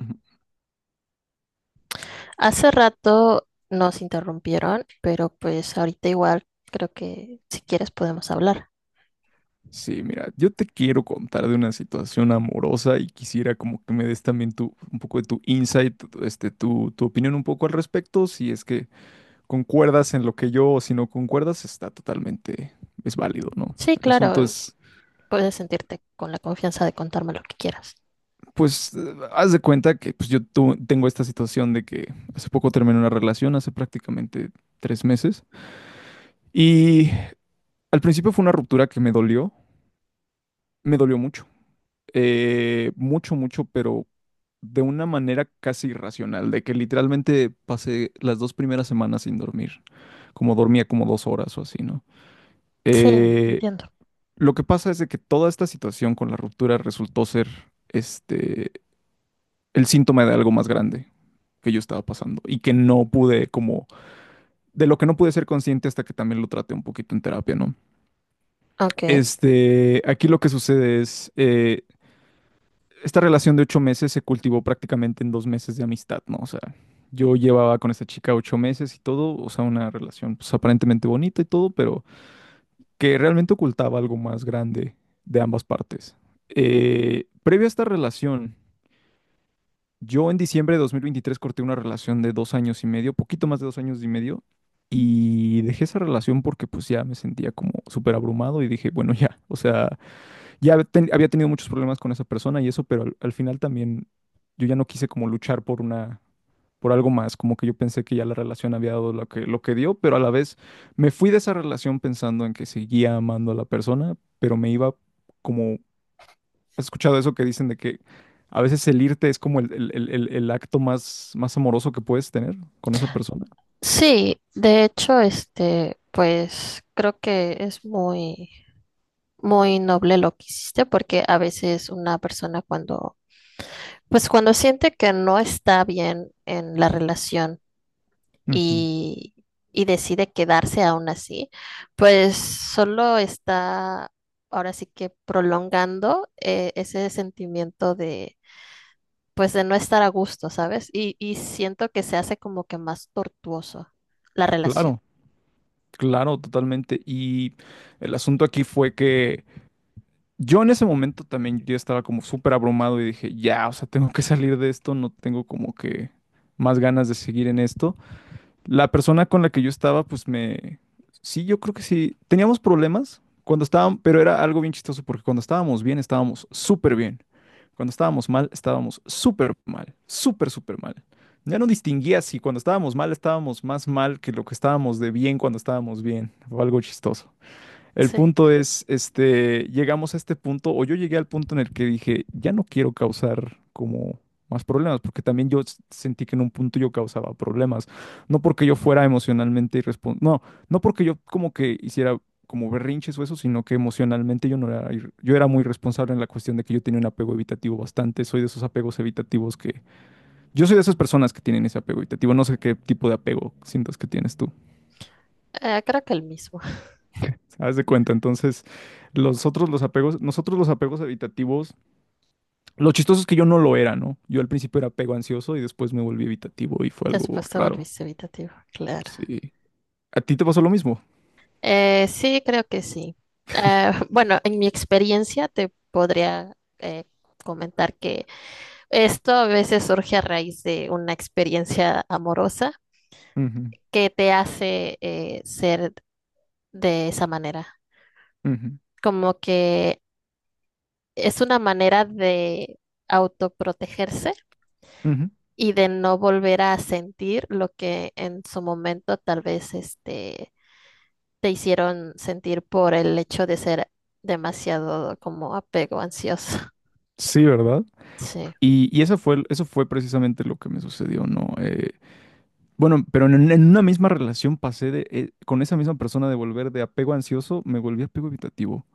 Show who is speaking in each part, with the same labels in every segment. Speaker 1: Ujú.
Speaker 2: Hace rato nos interrumpieron, pero pues ahorita igual creo que si quieres podemos hablar.
Speaker 1: Sí, mira, yo te quiero contar de una situación amorosa y quisiera como que me des también un poco de tu insight, tu opinión un poco al respecto, si es que concuerdas en lo que yo o si no concuerdas, está totalmente, es válido, ¿no?
Speaker 2: Sí,
Speaker 1: El asunto
Speaker 2: claro.
Speaker 1: es,
Speaker 2: Puedes sentirte con la confianza de contarme lo que quieras.
Speaker 1: pues, haz de cuenta que pues, yo tengo esta situación de que hace poco terminé una relación, hace prácticamente 3 meses, y al principio fue una ruptura que me dolió mucho. Mucho, mucho, pero de una manera casi irracional, de que literalmente pasé las dos primeras semanas sin dormir, como dormía como 2 horas o así, ¿no?
Speaker 2: Sí,
Speaker 1: Eh,
Speaker 2: entiendo.
Speaker 1: lo que pasa es de que toda esta situación con la ruptura resultó ser este, el síntoma de algo más grande que yo estaba pasando y que no pude como, de lo que no pude ser consciente hasta que también lo traté un poquito en terapia, ¿no?
Speaker 2: Ok.
Speaker 1: Aquí lo que sucede es, esta relación de 8 meses se cultivó prácticamente en 2 meses de amistad, ¿no? O sea, yo llevaba con esta chica 8 meses y todo, o sea, una relación pues aparentemente bonita y todo, pero que realmente ocultaba algo más grande de ambas partes. Previo a esta relación, yo en diciembre de 2023 corté una relación de 2 años y medio, poquito más de 2 años y medio, y dejé esa relación porque pues ya me sentía como súper abrumado y dije, bueno, ya, o sea, había tenido muchos problemas con esa persona y eso, pero al final también yo ya no quise como luchar por una, por algo más, como que yo pensé que ya la relación había dado lo que dio, pero a la vez me fui de esa relación pensando en que seguía amando a la persona, pero me iba como, ¿has escuchado eso que dicen de que a veces el irte es como el acto más, más amoroso que puedes tener con esa persona?
Speaker 2: Sí, de hecho, este, pues creo que es muy noble lo que hiciste, porque a veces una persona cuando pues cuando siente que no está bien en la relación
Speaker 1: Ujú.
Speaker 2: y, y decide quedarse aún así, pues solo está ahora sí que prolongando ese sentimiento de, pues de no estar a gusto, ¿sabes? Y siento que se hace como que más tortuoso la relación.
Speaker 1: Claro, claro, totalmente. Y el asunto aquí fue que... Yo en ese momento también yo estaba como súper abrumado y dije, ya, o sea, tengo que salir de esto, no tengo como que más ganas de seguir en esto. La persona con la que yo estaba, pues me... Sí, yo creo que sí. Teníamos problemas cuando estábamos, pero era algo bien chistoso porque cuando estábamos bien, estábamos súper bien. Cuando estábamos mal, estábamos súper mal, súper, súper mal. Ya no distinguía si cuando estábamos mal, estábamos más mal que lo que estábamos de bien cuando estábamos bien. Fue algo chistoso. El
Speaker 2: Sí.
Speaker 1: punto es, llegamos a este punto, o yo llegué al punto en el que dije, ya no quiero causar como más problemas, porque también yo sentí que en un punto yo causaba problemas, no porque yo fuera emocionalmente irresponsable, no, no porque yo como que hiciera como berrinches o eso, sino que emocionalmente yo no era, yo era muy responsable en la cuestión de que yo tenía un apego evitativo bastante, soy de esos apegos evitativos que, yo soy de esas personas que tienen ese apego evitativo, no sé qué tipo de apego sientas que tienes tú.
Speaker 2: Creo que el mismo.
Speaker 1: Haz de cuenta, entonces los otros, los apegos, nosotros los apegos evitativos, lo chistoso es que yo no lo era, ¿no? Yo al principio era apego ansioso y después me volví evitativo y fue algo
Speaker 2: Después te
Speaker 1: raro.
Speaker 2: volviste evitativo, claro.
Speaker 1: Sí. ¿A ti te pasó lo mismo?
Speaker 2: Sí, creo que sí. Bueno, en mi experiencia te podría eh, comentar que esto a veces surge a raíz de una experiencia amorosa
Speaker 1: Ujú,
Speaker 2: que te hace ser de esa manera.
Speaker 1: ujú,
Speaker 2: Como que es una manera de autoprotegerse
Speaker 1: ujú.
Speaker 2: y de no volver a sentir lo que en su momento tal vez este, te hicieron sentir por el hecho de ser demasiado como apego ansioso.
Speaker 1: Sí, ¿verdad?
Speaker 2: Sí,
Speaker 1: Y eso fue precisamente lo que me sucedió, ¿no? Bueno, pero en una misma relación pasé con esa misma persona de volver de apego ansioso, me volví apego evitativo.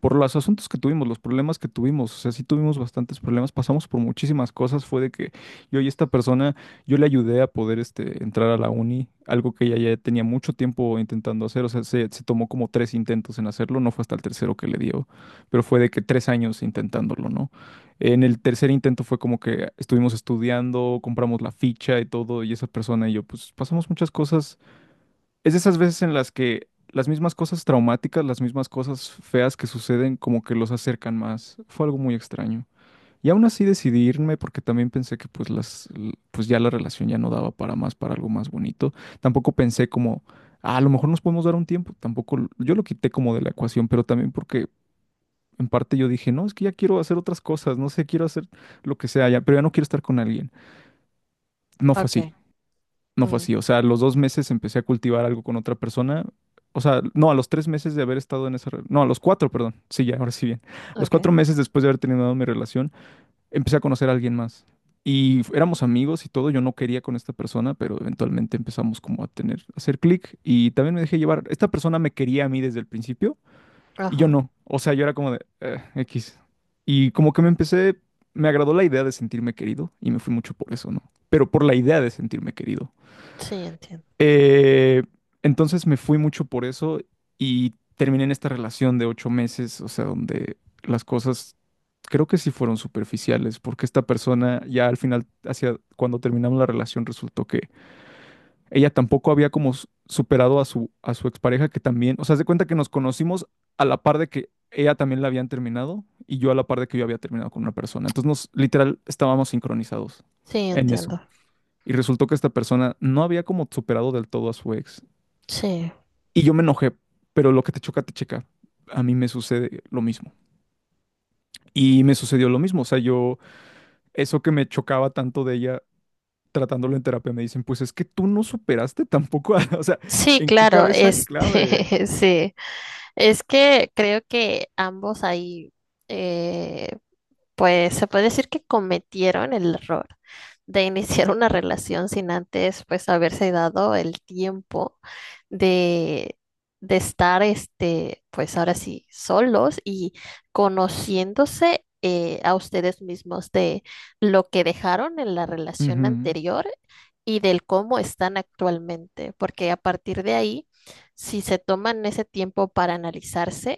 Speaker 1: Por los asuntos que tuvimos, los problemas que tuvimos, o sea, sí tuvimos bastantes problemas, pasamos por muchísimas cosas, fue de que yo y esta persona, yo le ayudé a poder entrar a la uni, algo que ella ya tenía mucho tiempo intentando hacer, o sea, se tomó como tres intentos en hacerlo, no fue hasta el tercero que le dio, pero fue de que 3 años intentándolo, ¿no? En el tercer intento fue como que estuvimos estudiando, compramos la ficha y todo, y esa persona y yo, pues pasamos muchas cosas. Es de esas veces en las que las mismas cosas traumáticas, las mismas cosas feas que suceden, como que los acercan más. Fue algo muy extraño. Y aún así decidí irme porque también pensé que pues pues ya la relación ya no daba para más, para algo más bonito. Tampoco pensé como, "Ah, a lo mejor nos podemos dar un tiempo. Tampoco, yo lo quité como de la ecuación, pero también porque en parte yo dije, no, es que ya quiero hacer otras cosas, no sé, quiero hacer lo que sea ya, pero ya no quiero estar con alguien. No fue así,
Speaker 2: ok,
Speaker 1: no fue
Speaker 2: mm,
Speaker 1: así. O sea, a los 2 meses empecé a cultivar algo con otra persona. O sea, no, a los 3 meses de haber estado en esa... No, a los cuatro, perdón. Sí, ya, ahora sí bien. A los
Speaker 2: ok,
Speaker 1: 4 meses después de haber terminado mi relación, empecé a conocer a alguien más. Y éramos amigos y todo, yo no quería con esta persona, pero eventualmente empezamos como a tener, a hacer clic y también me dejé llevar. Esta persona me quería a mí desde el principio, y yo
Speaker 2: ajá,
Speaker 1: no. O sea, yo era como de X. Y como que me agradó la idea de sentirme querido y me fui mucho por eso, ¿no? Pero por la idea de sentirme querido.
Speaker 2: sí, entiendo,
Speaker 1: Eh, entonces me fui mucho por eso y terminé en esta relación de 8 meses, o sea, donde las cosas creo que sí fueron superficiales, porque esta persona ya al final, hacia cuando terminamos la relación, resultó que ella tampoco había como superado a su expareja que también, o sea, se cuenta que nos conocimos a la par de que ella también la habían terminado y yo a la par de que yo había terminado con una persona. Entonces nos literal estábamos sincronizados
Speaker 2: sí,
Speaker 1: en eso.
Speaker 2: entiendo,
Speaker 1: Y resultó que esta persona no había como superado del todo a su ex.
Speaker 2: sí,
Speaker 1: Y yo me enojé, pero lo que te choca, te checa. A mí me sucede lo mismo. Y me sucedió lo mismo, o sea, yo, eso que me chocaba tanto de ella tratándolo en terapia, me dicen, pues es que tú no superaste tampoco, o sea,
Speaker 2: sí,
Speaker 1: ¿en qué
Speaker 2: claro,
Speaker 1: cabeza clave?
Speaker 2: este, sí, es que creo que ambos ahí, eh, pues se puede decir que cometieron el error de iniciar una relación sin antes, pues, haberse dado el tiempo de, de estar, este, pues, ahora sí, solos y conociéndose a ustedes mismos de lo que dejaron en la relación
Speaker 1: Ujú,
Speaker 2: anterior y del cómo están actualmente, porque a partir de ahí, si se toman ese tiempo para analizarse,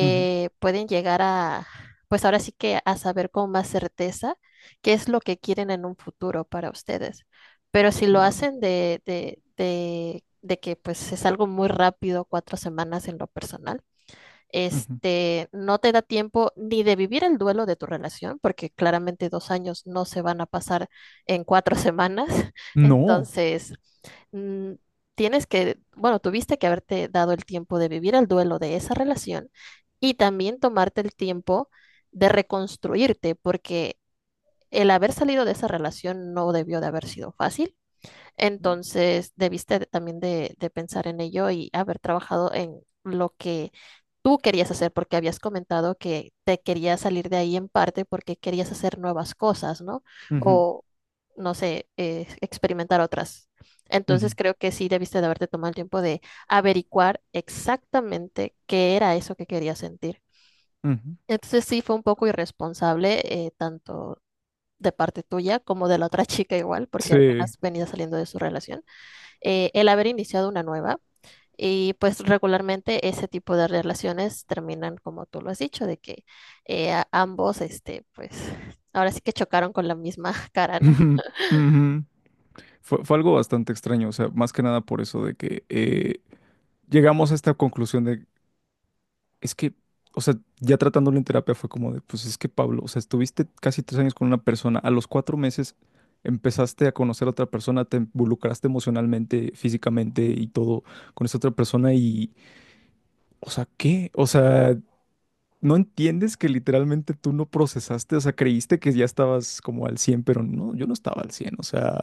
Speaker 1: ujú,
Speaker 2: pueden llegar a pues ahora sí que a saber con más certeza qué es lo que quieren en un futuro para ustedes. Pero si lo
Speaker 1: claro.
Speaker 2: hacen de que pues es algo muy rápido, cuatro semanas en lo personal,
Speaker 1: Ujú.
Speaker 2: este, no te da tiempo ni de vivir el duelo de tu relación, porque claramente dos años no se van a pasar en cuatro semanas.
Speaker 1: No,
Speaker 2: Entonces, mm, tienes que, bueno, tuviste que haberte dado el tiempo de vivir el duelo de esa relación y también tomarte el tiempo de reconstruirte, porque el haber salido de esa relación no debió de haber sido fácil.
Speaker 1: no.
Speaker 2: Entonces, debiste de- también de pensar en ello y haber trabajado en lo que tú querías hacer, porque habías comentado que te querías salir de ahí en parte porque querías hacer nuevas cosas, ¿no?
Speaker 1: Ujú,
Speaker 2: O, no sé, experimentar otras.
Speaker 1: ujú,
Speaker 2: Entonces, creo que sí debiste de haberte tomado el tiempo de averiguar exactamente qué era eso que querías sentir.
Speaker 1: ujú.
Speaker 2: Entonces, sí fue un poco irresponsable, tanto de parte tuya como de la otra chica igual, porque
Speaker 1: Sí.
Speaker 2: apenas venía saliendo de su relación el haber iniciado una nueva. Y pues regularmente ese tipo de relaciones terminan como tú lo has dicho, de que ambos, este, pues ahora sí que chocaron con la misma cara, ¿no?
Speaker 1: Ujú, ujú. Fue algo bastante extraño, o sea, más que nada por eso de que llegamos a esta conclusión de, es que, o sea, ya tratándolo en terapia fue como de, pues es que Pablo, o sea, estuviste casi 3 años con una persona, a los 4 meses empezaste a conocer a otra persona, te involucraste emocionalmente, físicamente y todo con esa otra persona y, o sea, ¿qué? O sea... No entiendes que literalmente tú no procesaste, o sea, creíste que ya estabas como al 100, pero no, yo no estaba al 100. O sea,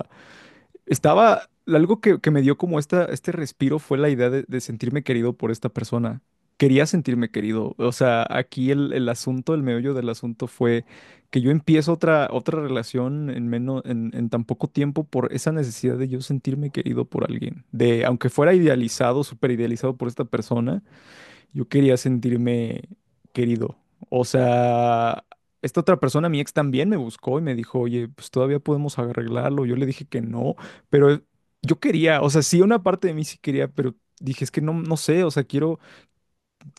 Speaker 1: estaba, algo que me dio como este respiro fue la idea de sentirme querido por esta persona. Quería sentirme querido, o sea, aquí el asunto, el meollo del asunto fue que yo empiezo otra relación en menos, en tan poco tiempo por esa necesidad de yo sentirme querido por alguien, de aunque fuera idealizado, súper idealizado por esta persona yo quería sentirme querido. O sea, esta otra persona, mi ex, también me buscó y me dijo, oye, pues todavía podemos arreglarlo. Yo le dije que no, pero yo quería, o sea, sí, una parte de mí sí quería, pero dije, es que no, no sé, o sea, quiero,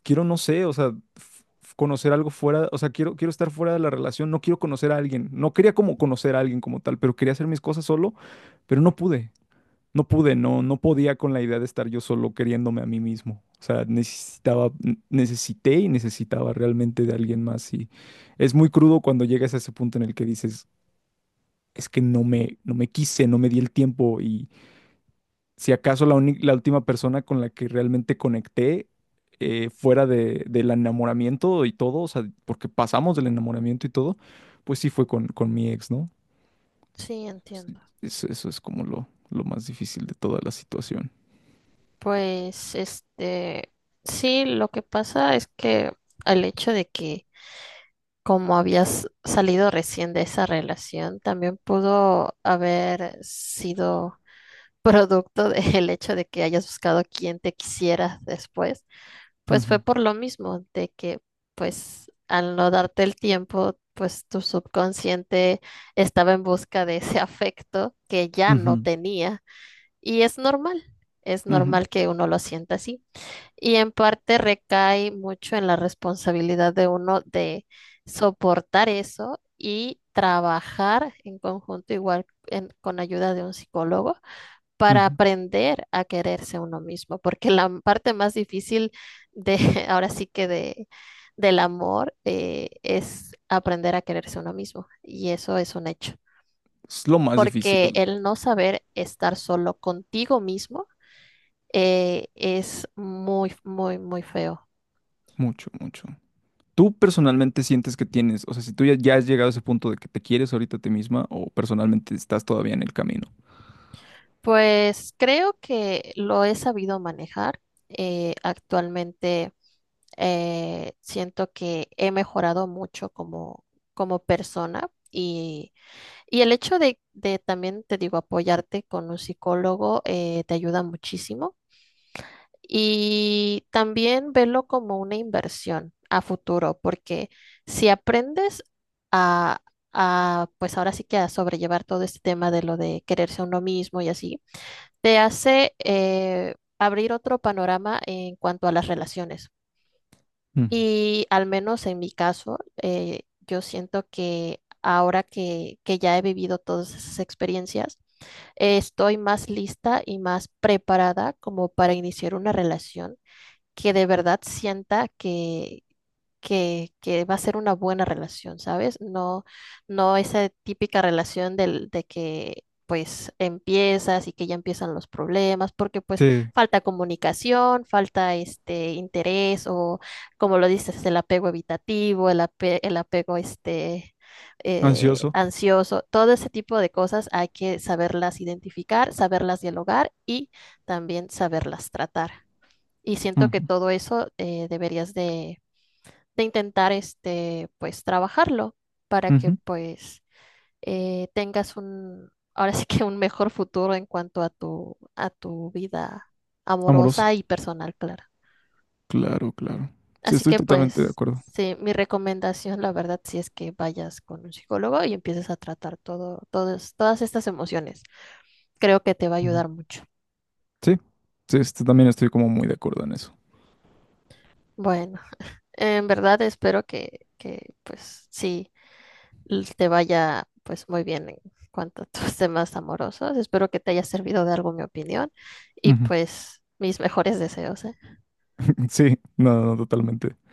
Speaker 1: quiero, no sé, o sea, conocer algo fuera, o sea, quiero estar fuera de la relación, no quiero conocer a alguien. No quería como conocer a alguien como tal, pero quería hacer mis cosas solo, pero no pude, no, no podía con la idea de estar yo solo queriéndome a mí mismo. O sea, necesitaba, necesité y necesitaba realmente de alguien más. Y es muy crudo cuando llegas a ese punto en el que dices, es que no me quise, no me di el tiempo. Y si acaso la última persona con la que realmente conecté fuera del enamoramiento y todo, o sea, porque pasamos del enamoramiento y todo, pues sí fue con mi ex, ¿no?
Speaker 2: Sí,
Speaker 1: Sí,
Speaker 2: entiendo.
Speaker 1: Eso es como lo más difícil de toda la situación.
Speaker 2: Pues, este, sí, lo que pasa es que el hecho de que como habías salido recién de esa relación, también pudo haber sido producto del hecho de que hayas buscado quien te quisiera después. Pues fue
Speaker 1: Ujú,
Speaker 2: por lo mismo, de que pues al no darte el tiempo, pues tu subconsciente estaba en busca de ese afecto que ya no
Speaker 1: ujú.
Speaker 2: tenía. Y es
Speaker 1: Ujú,
Speaker 2: normal que uno lo sienta así. Y en parte recae mucho en la responsabilidad de uno de soportar eso y trabajar en conjunto, igual con ayuda de un psicólogo para
Speaker 1: ujú.
Speaker 2: aprender a quererse uno mismo, porque la parte más difícil de, ahora sí que de, del amor es aprender a quererse uno mismo, y eso es un hecho,
Speaker 1: Es lo más
Speaker 2: porque
Speaker 1: difícil,
Speaker 2: el no saber estar solo contigo mismo es muy feo.
Speaker 1: mucho, mucho. ¿Tú personalmente sientes que tienes, o sea, si tú ya has llegado a ese punto de que te quieres ahorita a ti misma o personalmente estás todavía en el camino?
Speaker 2: Pues creo que lo he sabido manejar. Actualmente siento que he mejorado mucho como, como persona y el hecho de también, te digo, apoyarte con un psicólogo te ayuda muchísimo. Y también verlo como una inversión a futuro, porque si aprendes a, a, pues ahora sí que a sobrellevar todo este tema de lo de quererse a uno mismo y así, te hace abrir otro panorama en cuanto a las relaciones.
Speaker 1: Ujú.
Speaker 2: Y al menos en mi caso, yo siento que ahora que ya he vivido todas esas experiencias, estoy más lista y más preparada como para iniciar una relación que de verdad sienta que, que va a ser una buena relación, ¿sabes? No, no esa típica relación del, de que pues empiezas y que ya empiezan los problemas, porque pues
Speaker 1: Sí,
Speaker 2: falta comunicación, falta este interés o como lo dices, el apego evitativo, el apego este
Speaker 1: ansioso.
Speaker 2: ansioso, todo ese tipo de cosas hay que saberlas identificar, saberlas dialogar y también saberlas tratar. Y siento que
Speaker 1: Ujú,
Speaker 2: todo eso deberías de intentar este, pues trabajarlo para que
Speaker 1: ujú.
Speaker 2: pues tengas un, ahora sí que un mejor futuro en cuanto a tu vida
Speaker 1: Amorosa.
Speaker 2: amorosa y personal, claro.
Speaker 1: Claro, claro. Sí,
Speaker 2: Así
Speaker 1: estoy
Speaker 2: que
Speaker 1: totalmente de
Speaker 2: pues
Speaker 1: acuerdo.
Speaker 2: sí, mi recomendación, la verdad, sí es que vayas con un psicólogo y empieces a tratar todo, todas estas emociones. Creo que te va a
Speaker 1: Ujú.
Speaker 2: ayudar mucho.
Speaker 1: Sí, sí, también estoy como muy de acuerdo en eso.
Speaker 2: Bueno, en verdad espero que pues sí te vaya pues muy bien en cuanto a tus temas amorosos. Espero que te haya servido de algo mi opinión y
Speaker 1: Ujú.
Speaker 2: pues mis mejores deseos, ¿eh?
Speaker 1: Sí, no, no, totalmente.